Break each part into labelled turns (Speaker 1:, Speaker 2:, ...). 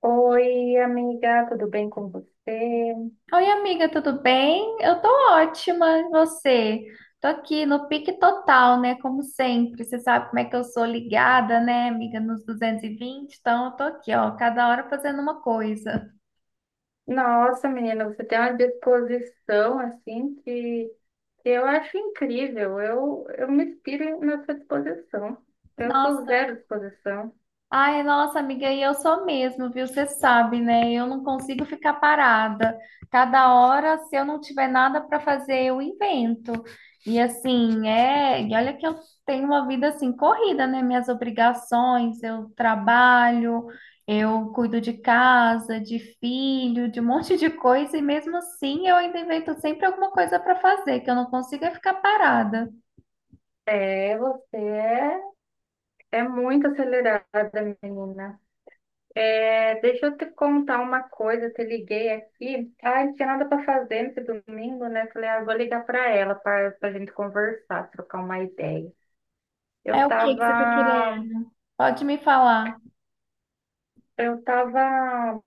Speaker 1: Oi, amiga, tudo bem com você?
Speaker 2: Oi, amiga, tudo bem? Eu tô ótima, e você? Tô aqui no pique total, né? Como sempre, você sabe como é que eu sou ligada, né, amiga, nos 220, então eu tô aqui, ó, cada hora fazendo uma coisa.
Speaker 1: Nossa, menina, você tem uma disposição assim que eu acho incrível. Eu me inspiro na sua disposição. Eu sou
Speaker 2: Nossa,
Speaker 1: zero disposição.
Speaker 2: ai, nossa amiga, e eu sou mesmo, viu? Você sabe, né? Eu não consigo ficar parada. Cada hora, se eu não tiver nada para fazer, eu invento. E assim, é, e olha que eu tenho uma vida assim corrida, né? Minhas obrigações, eu trabalho, eu cuido de casa, de filho, de um monte de coisa, e mesmo assim eu ainda invento sempre alguma coisa para fazer, que eu não consigo é ficar parada.
Speaker 1: Você é muito acelerada, menina. É, deixa eu te contar uma coisa, eu te liguei aqui. Ah, não tinha nada para fazer nesse domingo, né? Falei, ah, vou ligar para ela para a gente conversar, trocar uma ideia. Eu
Speaker 2: É o que que você tá
Speaker 1: tava
Speaker 2: querendo? Pode me falar.
Speaker 1: Eu estava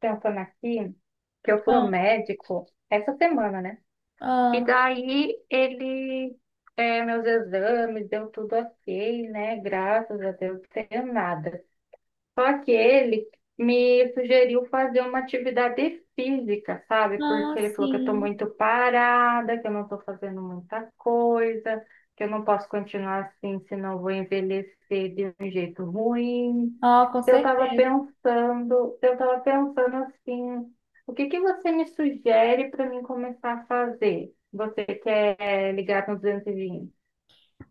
Speaker 1: pensando aqui que eu fui ao
Speaker 2: Ah,
Speaker 1: médico essa semana, né? E
Speaker 2: ah.
Speaker 1: daí ele, é, meus exames, deu tudo ok, né? Graças a Deus, não tenho nada. Só que ele me sugeriu fazer uma atividade física, sabe? Porque
Speaker 2: Ah,
Speaker 1: ele falou que eu estou
Speaker 2: sim.
Speaker 1: muito parada, que eu não estou fazendo muita coisa, que eu não posso continuar assim, senão eu vou envelhecer de um jeito ruim.
Speaker 2: Ah, com
Speaker 1: Eu estava
Speaker 2: certeza.
Speaker 1: pensando, eu estava pensando assim, o que que você me sugere para mim começar a fazer? Você quer ligar no 220?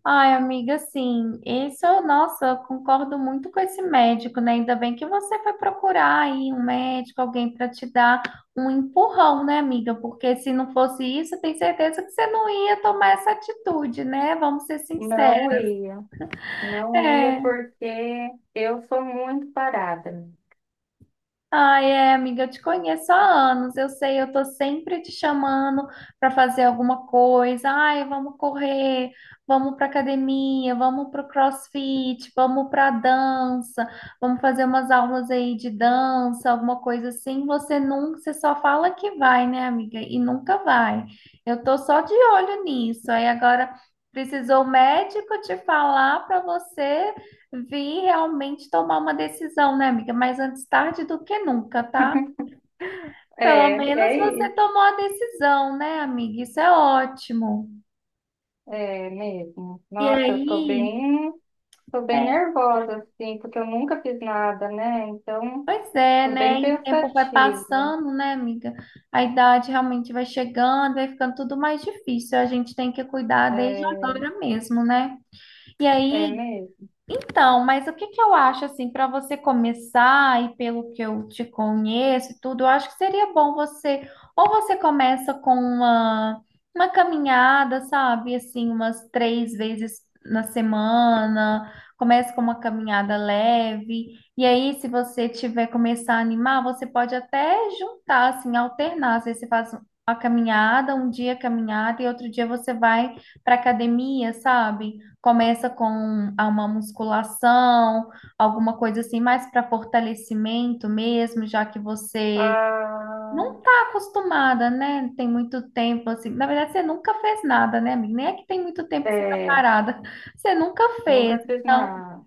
Speaker 2: Ai, amiga, sim. Isso, nossa, eu concordo muito com esse médico, né? Ainda bem que você foi procurar aí um médico, alguém para te dar um empurrão, né, amiga? Porque se não fosse isso, eu tenho certeza que você não ia tomar essa atitude, né? Vamos ser sinceros.
Speaker 1: Não ia, não ia
Speaker 2: É.
Speaker 1: porque eu sou muito parada.
Speaker 2: Ai, é, amiga, eu te conheço há anos, eu sei, eu tô sempre te chamando para fazer alguma coisa. Ai, vamos correr, vamos pra academia, vamos pro CrossFit, vamos pra dança, vamos fazer umas aulas aí de dança, alguma coisa assim. Você nunca, você só fala que vai, né, amiga? E nunca vai. Eu tô só de olho nisso. Aí agora precisou o médico te falar para você vi realmente tomar uma decisão, né, amiga? Mas antes tarde do que nunca, tá? Pelo
Speaker 1: É,
Speaker 2: menos
Speaker 1: é
Speaker 2: você
Speaker 1: isso,
Speaker 2: tomou a decisão, né, amiga? Isso é ótimo.
Speaker 1: é mesmo.
Speaker 2: E
Speaker 1: Nossa, eu tô
Speaker 2: aí,
Speaker 1: bem, tô bem
Speaker 2: é,
Speaker 1: nervosa, assim, porque eu nunca fiz nada, né? Então,
Speaker 2: pois é,
Speaker 1: tô bem
Speaker 2: né? E o tempo vai
Speaker 1: pensativa.
Speaker 2: passando, né, amiga? A idade realmente vai chegando, vai ficando tudo mais difícil. A gente tem que cuidar desde
Speaker 1: É,
Speaker 2: agora mesmo, né? E
Speaker 1: é
Speaker 2: aí,
Speaker 1: mesmo.
Speaker 2: então, mas o que que eu acho assim para você começar e pelo que eu te conheço e tudo, eu acho que seria bom você ou você começa com uma caminhada, sabe, assim, umas três vezes na semana, começa com uma caminhada leve e aí se você tiver começar a animar, você pode até juntar assim, alternar, às vezes você faz uma caminhada, um dia caminhada e outro dia você vai para academia, sabe? Começa com a uma musculação, alguma coisa assim, mais para fortalecimento mesmo, já que você
Speaker 1: Ah,
Speaker 2: não está acostumada, né? Tem muito tempo assim. Na verdade, você nunca fez nada, né, amiga? Nem é que tem muito tempo que você está
Speaker 1: é,
Speaker 2: parada. Você nunca fez.
Speaker 1: nunca fiz
Speaker 2: Então,
Speaker 1: nada.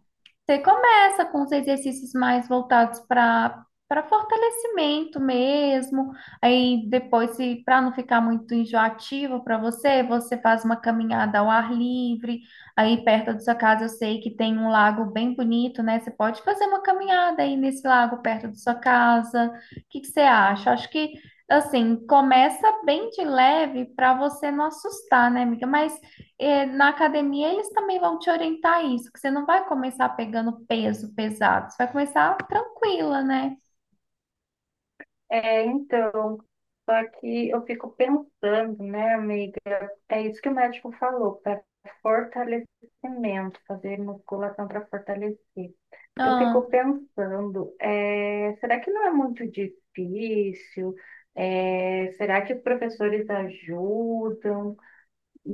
Speaker 2: você começa com os exercícios mais voltados para fortalecimento mesmo. Aí depois, se para não ficar muito enjoativo para você, você faz uma caminhada ao ar livre. Aí perto da sua casa, eu sei que tem um lago bem bonito, né? Você pode fazer uma caminhada aí nesse lago perto da sua casa. O que que você acha? Acho que assim, começa bem de leve para você não assustar, né, amiga? Mas é, na academia eles também vão te orientar a isso, que você não vai começar pegando peso pesado, você vai começar tranquila, né?
Speaker 1: É, então, só que eu fico pensando, né, amiga? É isso que o médico falou, para fortalecimento, fazer musculação para fortalecer. Eu
Speaker 2: Ah,
Speaker 1: fico pensando, será que não é muito difícil? Será que professores ajudam?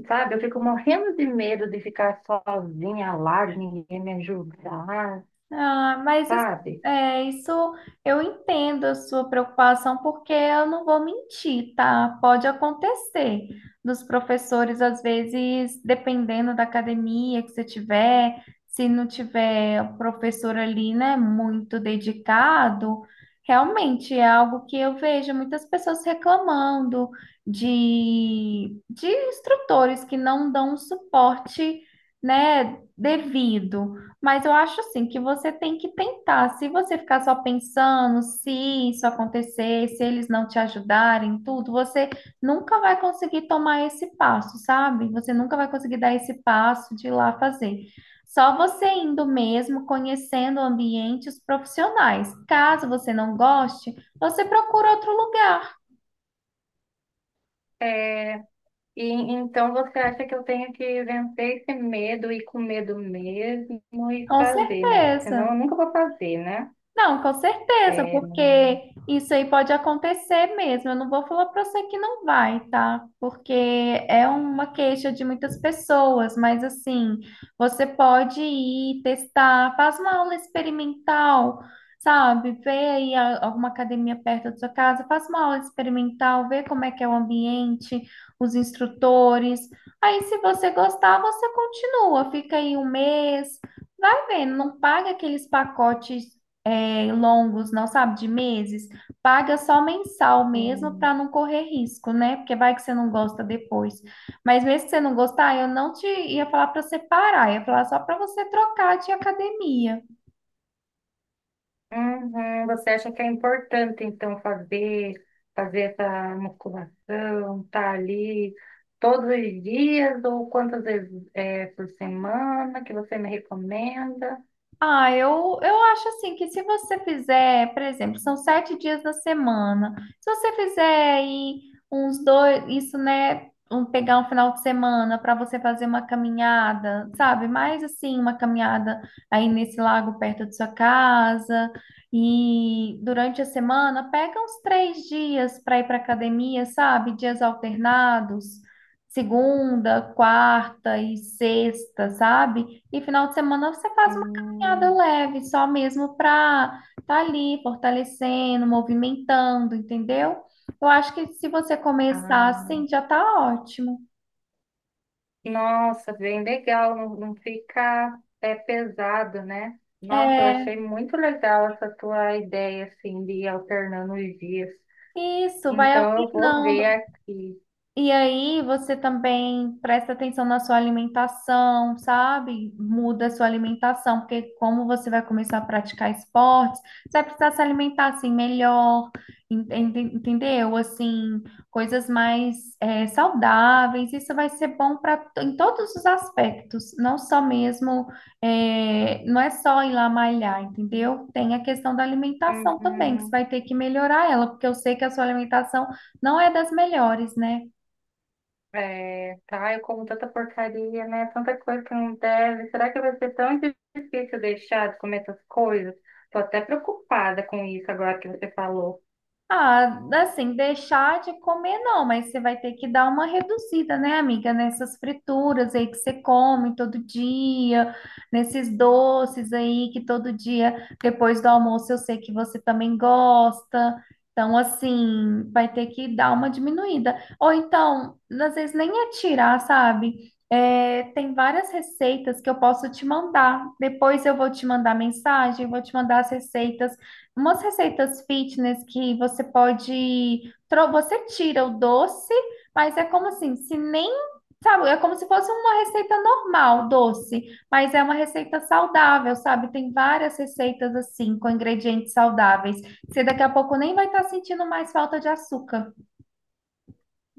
Speaker 1: Sabe, eu fico morrendo de medo de ficar sozinha lá, ninguém me ajudar,
Speaker 2: ah, mas assim,
Speaker 1: sabe?
Speaker 2: é, isso eu entendo a sua preocupação, porque eu não vou mentir, tá? Pode acontecer dos professores, às vezes, dependendo da academia que você tiver, se não tiver o professor ali, né, muito dedicado, realmente é algo que eu vejo muitas pessoas reclamando de instrutores que não dão um suporte, né, devido. Mas eu acho assim que você tem que tentar. Se você ficar só pensando, se isso acontecer, se eles não te ajudarem, tudo, você nunca vai conseguir tomar esse passo, sabe? Você nunca vai conseguir dar esse passo de ir lá fazer. Só você indo mesmo, conhecendo o ambiente, os profissionais. Caso você não goste, você procura outro lugar,
Speaker 1: Eh, e então você acha que eu tenho que vencer esse medo e com medo mesmo e
Speaker 2: com
Speaker 1: fazer, né? Porque senão
Speaker 2: certeza.
Speaker 1: eu nunca vou fazer, né?
Speaker 2: Não, com certeza,
Speaker 1: É.
Speaker 2: porque isso aí pode acontecer mesmo. Eu não vou falar para você que não vai, tá? Porque é uma queixa de muitas pessoas, mas assim, você pode ir testar, faz uma aula experimental, sabe? Vê aí alguma academia perto da sua casa, faz uma aula experimental, vê como é que é o ambiente, os instrutores. Aí, se você gostar, você continua, fica aí um mês. Vai vendo, não paga aqueles pacotes é, longos, não sabe, de meses, paga só mensal mesmo
Speaker 1: Não.
Speaker 2: para não correr risco, né? Porque vai que você não gosta depois. Mas mesmo que você não gostar, eu não te ia falar para você parar, ia falar só para você trocar de academia.
Speaker 1: Uhum. Você acha que é importante, então, fazer essa musculação, tá ali todos os dias ou quantas vezes é, por semana que você me recomenda?
Speaker 2: Eu acho assim que se você fizer, por exemplo, são sete dias da semana. Se você fizer aí uns dois, isso, né? Um, pegar um final de semana para você fazer uma caminhada, sabe? Mais assim, uma caminhada aí nesse lago perto de sua casa. E durante a semana, pega uns três dias para ir para academia, sabe? Dias alternados. Segunda, quarta e sexta, sabe? E final de semana você faz caminhada
Speaker 1: Hum,
Speaker 2: leve, só mesmo para tá ali fortalecendo, movimentando, entendeu? Eu acho que se você começar assim,
Speaker 1: ah,
Speaker 2: já tá ótimo.
Speaker 1: nossa, bem legal, não, não fica é, pesado, né? Nossa, eu
Speaker 2: É,
Speaker 1: achei muito legal essa tua ideia, assim, de ir alternando os dias.
Speaker 2: isso, vai
Speaker 1: Então, eu vou ver
Speaker 2: alternando.
Speaker 1: aqui.
Speaker 2: E aí você também presta atenção na sua alimentação, sabe? Muda a sua alimentação, porque como você vai começar a praticar esportes, você vai precisar se alimentar assim melhor, entendeu? Assim, coisas mais saudáveis. Isso vai ser bom para em todos os aspectos, não só mesmo, não é só ir lá malhar, entendeu? Tem a questão da alimentação também, que você
Speaker 1: Uhum.
Speaker 2: vai ter que melhorar ela, porque eu sei que a sua alimentação não é das melhores, né?
Speaker 1: É, tá, eu como tanta porcaria, né? Tanta coisa que não deve. Será que vai ser tão difícil deixar de comer essas coisas? Tô até preocupada com isso agora que você falou.
Speaker 2: Ah, assim, deixar de comer não, mas você vai ter que dar uma reduzida, né, amiga? Nessas frituras aí que você come todo dia, nesses doces aí que todo dia, depois do almoço, eu sei que você também gosta. Então, assim, vai ter que dar uma diminuída. Ou então, às vezes nem é tirar, sabe? É, tem várias receitas que eu posso te mandar. Depois eu vou te mandar mensagem, vou te mandar as receitas umas receitas fitness que você pode, você tira o doce, mas é como assim, se nem, sabe, é como se fosse uma receita normal, doce, mas é uma receita saudável, sabe? Tem várias receitas assim, com ingredientes saudáveis. Você daqui a pouco nem vai estar sentindo mais falta de açúcar.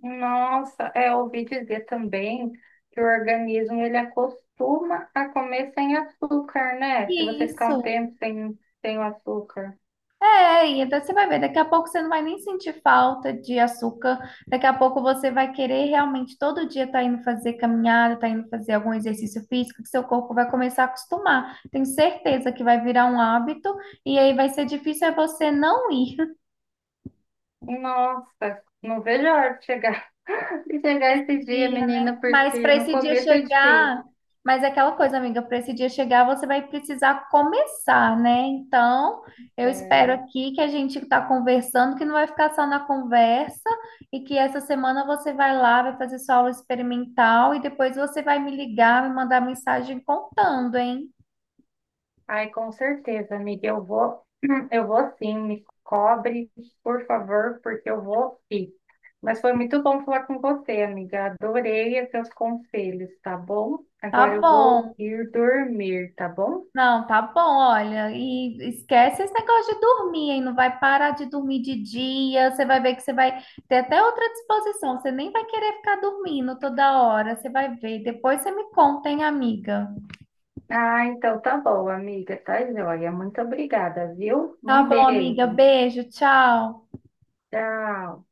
Speaker 1: Nossa, é, eu ouvi dizer também que o organismo ele acostuma a comer sem açúcar, né? Se você ficar
Speaker 2: Isso.
Speaker 1: um tempo sem o açúcar.
Speaker 2: É, e então você vai ver, daqui a pouco você não vai nem sentir falta de açúcar, daqui a pouco você vai querer realmente todo dia estar indo fazer caminhada, tá indo fazer algum exercício físico, que seu corpo vai começar a acostumar. Tenho certeza que vai virar um hábito, e aí vai ser difícil é você não ir.
Speaker 1: Nossa, não vejo a hora de chegar, de chegar esse dia,
Speaker 2: Dia, né?
Speaker 1: menina,
Speaker 2: Mas
Speaker 1: porque
Speaker 2: para
Speaker 1: no
Speaker 2: esse dia
Speaker 1: começo é
Speaker 2: chegar,
Speaker 1: difícil.
Speaker 2: mas é aquela coisa, amiga, para esse dia chegar, você vai precisar começar, né? Então, eu
Speaker 1: É.
Speaker 2: espero aqui que a gente está conversando, que não vai ficar só na conversa, e que essa semana você vai lá, vai fazer sua aula experimental, e depois você vai me ligar, me mandar mensagem contando, hein?
Speaker 1: Ai, com certeza, amiga. Eu vou, eu vou sim. Me cobre, por favor, porque eu vou sim. Mas foi muito bom falar com você, amiga. Adorei os seus conselhos, tá bom?
Speaker 2: Tá
Speaker 1: Agora eu vou
Speaker 2: bom.
Speaker 1: ir dormir, tá bom?
Speaker 2: Não, tá bom, olha, e esquece esse negócio de dormir, hein? Não vai parar de dormir de dia, você vai ver que você vai ter até outra disposição, você nem vai querer ficar dormindo toda hora, você vai ver. Depois você me conta, hein, amiga?
Speaker 1: Ah, então tá bom, amiga. Tá joia. Muito obrigada, viu?
Speaker 2: Tá
Speaker 1: Um
Speaker 2: bom, amiga,
Speaker 1: beijo.
Speaker 2: beijo, tchau.
Speaker 1: Tchau.